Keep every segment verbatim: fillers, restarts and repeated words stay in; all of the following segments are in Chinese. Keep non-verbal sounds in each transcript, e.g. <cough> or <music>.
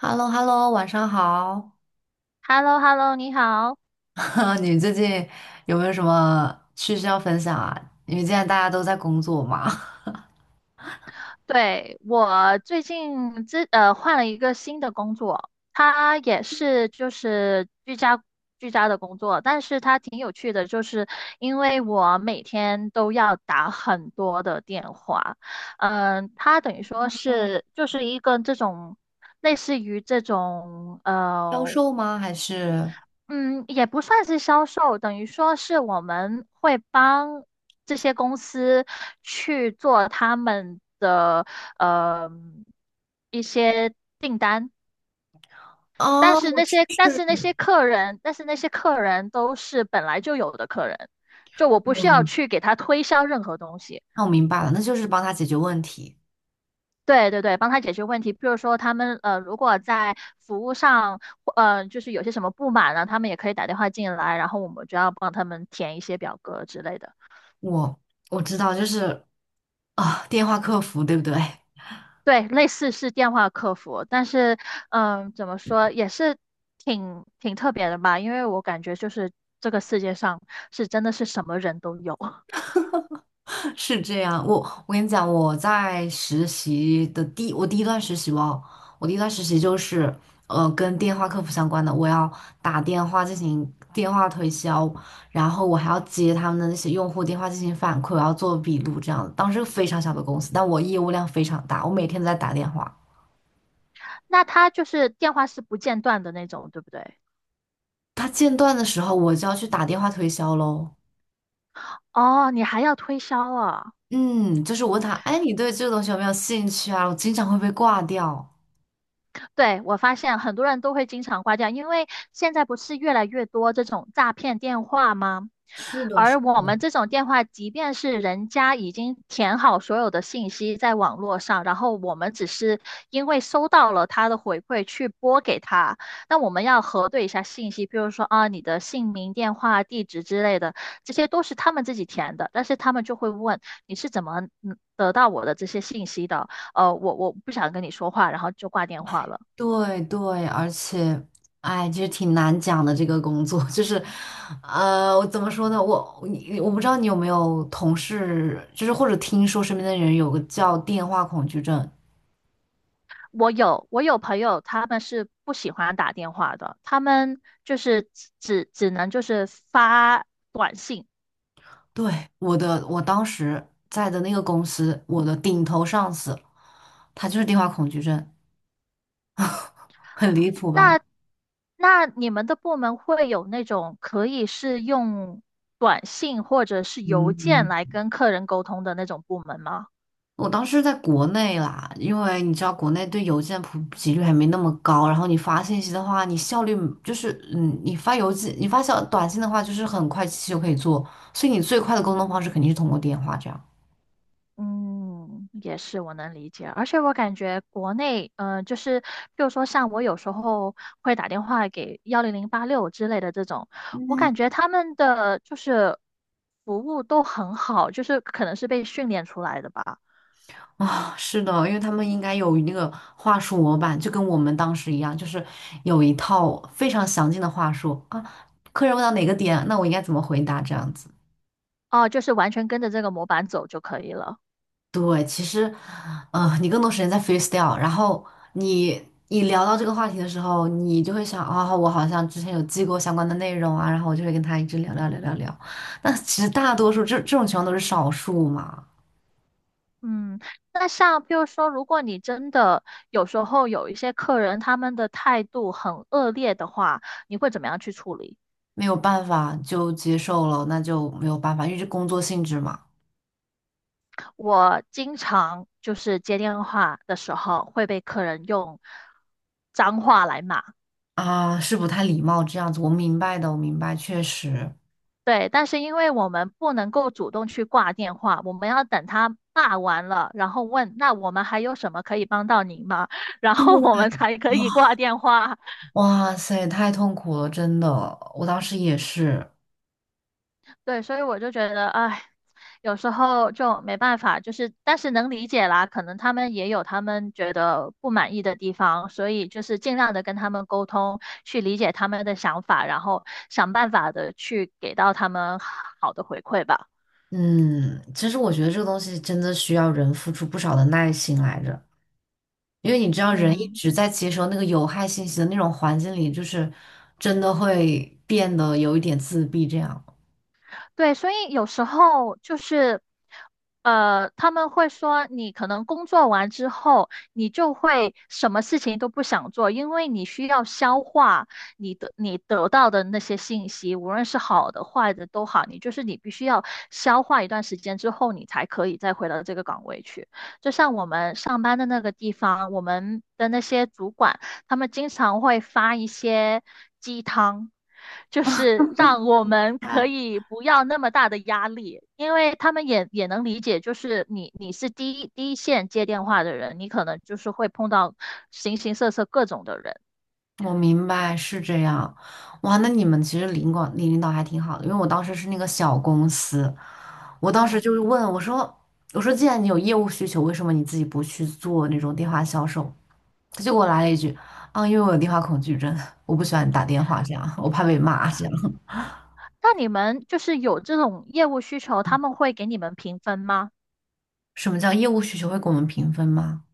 h e l l o h e l l o 晚上好。h e l l o h e l l o 你好。<laughs> 你最近有没有什么趣事要分享啊？因为现在大家都在工作嘛，对，我最近之呃换了一个新的工作，它也是就是居家居家的工作，但是它挺有趣的，就是因为我每天都要打很多的电话，嗯、它等于说 <laughs> 嗯，是就是一个这种类似于这种销呃。售吗？还是嗯，也不算是销售，等于说是我们会帮这些公司去做他们的呃一些，但哦，是那就些但是是那些客人，但是那些客人都是本来就有的客人，就我不需要嗯，去给他推销任何东西。那我明白了，那就是帮他解决问题。对对对，帮他解决问题。比如说，他们呃，如果在服务上，呃，就是有些什么不满呢，他们也可以打电话进来，然后我们就要帮他们填一些表格之类的。我我知道，就是啊，电话客服，对不对？对，类似是电话客服，但是，嗯，怎么说也是挺挺特别的吧，因为我感觉就是这个世界上是真的是什么人都有。<laughs> 是这样，我我跟你讲，我在实习的第我第一段实习哦，我第一段实习就是呃跟电话客服相关的，我要打电话进行电话推销，然后我还要接他们的那些用户电话进行反馈，我要做笔录这样的。当时非常小的公司，但我业务量非常大，我每天都在打电话。<laughs> 那他就是电话是不间断的那种，对不对？他间断的时候，我就要去打电话推销喽。哦，你还要推销啊？嗯，就是我问他，哎，你对这个东西有没有兴趣啊？我经常会被挂掉。对，我发现很多人都会经常挂掉，因为现在不是越来越多这种诈骗电话吗？是是。的，是而我们这种电话，即便是人家已经填好所有的信息在网络上，然后我们只是因为收到了他的回馈去拨给他，那我们要核对一下信息，比如说啊你的姓名、电话、地址之类的，这些都是他们自己填的，但是他们就会问你是怎么嗯得到我的这些信息的？呃，我我不想跟你说话，然后就挂电话了。对对，而且，哎，其实挺难讲的这个工作，就是，呃，我怎么说呢？我你我不知道你有没有同事，就是或者听说身边的人有个叫电话恐惧症。我有我有朋友，他们是不喜欢打电话的，他们就是只只只能就是发短信。对，我的，我当时在的那个公司，我的顶头上司，他就是电话恐惧症，<laughs> 很离谱吧？那那你们的部门会有那种可以是用短信或者是邮嗯。件来嗯跟客人沟通的那种部门吗？我当时在国内啦，因为你知道国内对邮件普及率还没那么高，然后你发信息的话，你效率就是嗯，你发邮件、你发小短信的话，就是很快其实就可以做，所以你最快的沟通方式肯定是通过电话这样嗯，也是我能理解，而且我感觉国内，呃，就是比如说像我有时候会打电话给幺零零八六之类的这种，我感觉他们的就是服务都很好，就是可能是被训练出来的吧，啊。是的，因为他们应该有那个话术模板，就跟我们当时一样，就是有一套非常详尽的话术啊。客人问到哪个点，那我应该怎么回答这样子。哦，就是完全跟着这个模板走就可以了。对，其实，嗯，你更多时间在 f a c e s t y l e 然后你你聊到这个话题的时候，你就会想啊、我好像之前有记过相关的内容啊，然后我就会跟他一直聊聊聊聊聊。那其实大多数这这种情况都是少数嘛，嗯，那像比如说，如果你真的有时候有一些客人他们的态度很恶劣的话，你会怎么样去处理？没有办法就接受了，那就没有办法，因为这工作性质嘛，我经常就是接电话的时候会被客人用脏话来骂，啊，是不太礼貌这样子。我明白的，我明白，确实，对，但是因为我们不能够主动去挂电话，我们要等他骂完了，然后问那我们还有什么可以帮到您吗？<laughs> 然后我们才可以挂电话。哇塞，太痛苦了，真的，我当时也是。对，所以我就觉得，哎，有时候就没办法，就是但是能理解啦，可能他们也有他们觉得不满意的地方，所以就是尽量的跟他们沟通，去理解他们的想法，然后想办法的去给到他们好的回馈吧。嗯，其实我觉得这个东西真的需要人付出不少的耐心来着，因为你知道，人一嗯。直在接收那个有害信息的那种环境里，就是真的会变得有一点自闭这样。对，所以有时候就是，呃，他们会说你可能工作完之后，你就会什么事情都不想做，因为你需要消化你的你得到的那些信息，无论是好的坏的都好，你就是你必须要消化一段时间之后，你才可以再回到这个岗位去。就像我们上班的那个地方，我们的那些主管。他们经常会发一些鸡汤，就是让我们可那以不要那么大的压力，因为他们也也能理解，就是你你是第一第一线接电话的人，你可能就是会碰到形形色色各种的人，我明白是这样，哇，那你们其实领管领领导还挺好的，因为我当时是那个小公司，我当时嗯。就是问我说，我说既然你有业务需求，为什么你自己不去做那种电话销售？他就给我来了一句啊，因为我有电话恐惧症，我不喜欢打电话，这样我怕被骂。这样，那你们就是有这种业务需求，他们会给你们评分吗？什么叫业务需求会给我们评分吗？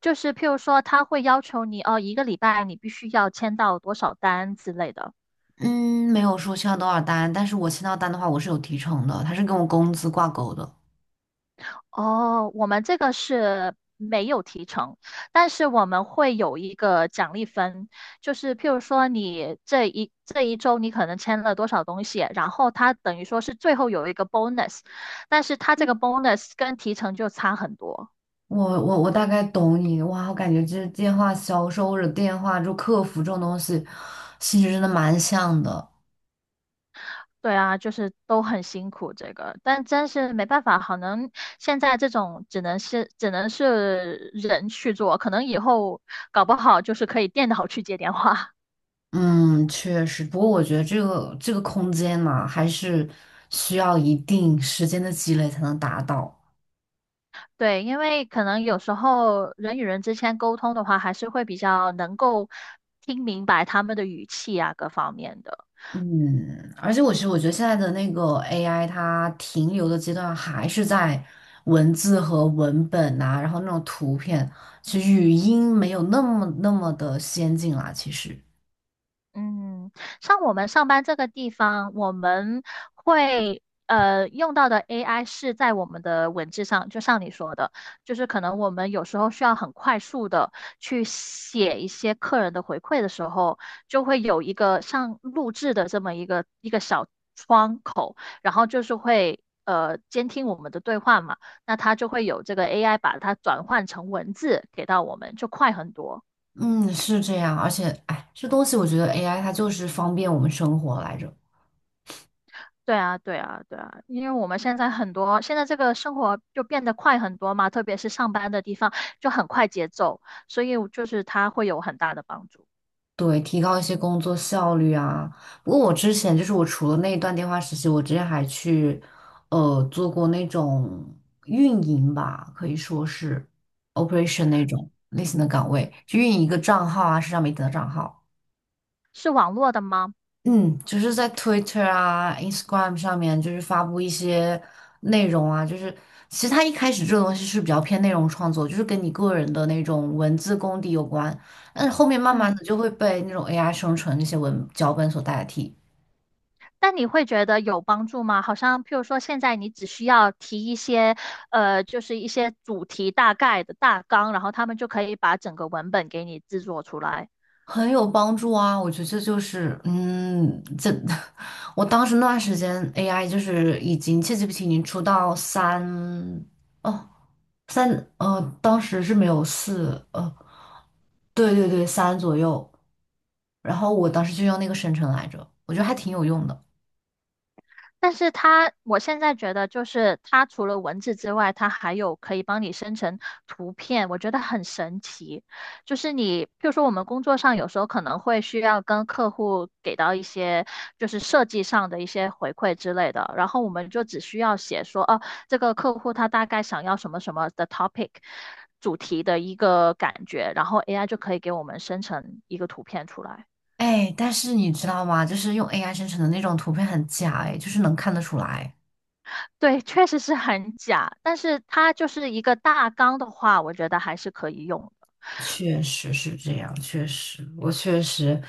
就是譬如说，他会要求你哦，一个礼拜你必须要签到多少单之类的。嗯，没有说签到多少单，但是我签到单的话，我是有提成的，它是跟我工资挂钩的。哦，我们这个是没有提成，但是我们会有一个奖励分，就是譬如说你这一这一周你可能签了多少东西，然后它等于说是最后有一个 bonus,但是它这个 bonus 跟提成就差很多。我我我大概懂你，哇，我感觉这电话销售或者电话就客服这种东西，性质真的蛮像的。对啊，就是都很辛苦这个，但真是没办法，可能现在这种只能是只能是人去做，可能以后搞不好就是可以电脑去接电话。嗯，确实，不过我觉得这个这个空间嘛，还是需要一定时间的积累才能达到。对，因为可能有时候人与人之间沟通的话，还是会比较能够听明白他们的语气啊，各方面的。嗯，而且我其实我觉得现在的那个 A I，它停留的阶段还是在文字和文本呐、然后那种图片，其实语音没有那么那么的先进啦。其实，嗯，像我们上班这个地方，我们会呃用到的 A I 是在我们的文字上，就像你说的，就是可能我们有时候需要很快速的去写一些客人的回馈的时候，就会有一个像录制的这么一个一个小窗口，然后就是会呃监听我们的对话嘛，那它就会有这个 A I 把它转换成文字给到我们，就快很多。嗯，是这样。而且，哎，这东西我觉得 A I 它就是方便我们生活来着。对啊，对啊，对啊，因为我们现在很多，现在这个生活就变得快很多嘛，特别是上班的地方就很快节奏，所以就是它会有很大的帮助。对，提高一些工作效率啊。不过我之前就是我除了那一段电话实习，我之前还去呃做过那种运营吧，可以说是 operation 那种类型的岗位，去运营一个账号啊，社交媒体的账号。是网络的吗？嗯，就是在 Twitter 啊、Instagram 上面，就是发布一些内容啊，就是其实它一开始这个东西是比较偏内容创作，就是跟你个人的那种文字功底有关，但是后面慢慢嗯，的就会被那种 A I 生成那些文脚本所代替，但你会觉得有帮助吗？好像譬如说现在你只需要提一些，呃，就是一些主题大概的大纲，然后他们就可以把整个文本给你制作出来。很有帮助啊。我觉得这就是，嗯，这 <laughs> 我当时那段时间 A I 就是已经 c 记 a t g 已经出到三哦三呃，当时是没有四呃，对对对，三左右。然后我当时就用那个生成来着，我觉得还挺有用的。但是它，我现在觉得就是它除了文字之外，它还有可以帮你生成图片，我觉得很神奇。就是你，譬如说我们工作上有时候可能会需要跟客户给到一些就是设计上的一些回馈之类的，然后我们就只需要写说，哦，这个客户他大概想要什么什么的 topic 主题的一个感觉，然后 A I 就可以给我们生成一个图片出来。哎，但是你知道吗？就是用 A I 生成的那种图片很假，哎，就是能看得出来。对，确实是很假，但是它就是一个大纲的话，我觉得还是可以用的。确实是这样，确实，我确实，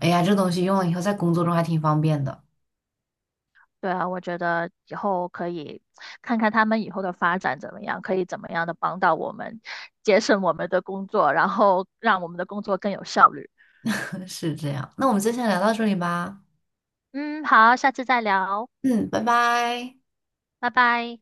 哎呀，这东西用了以后在工作中还挺方便的。对啊，我觉得以后可以看看他们以后的发展怎么样，可以怎么样的帮到我们，节省我们的工作，然后让我们的工作更有效率。<laughs> 是这样，那我们就先聊到这里吧。嗯，好，下次再聊，嗯，拜拜。拜拜。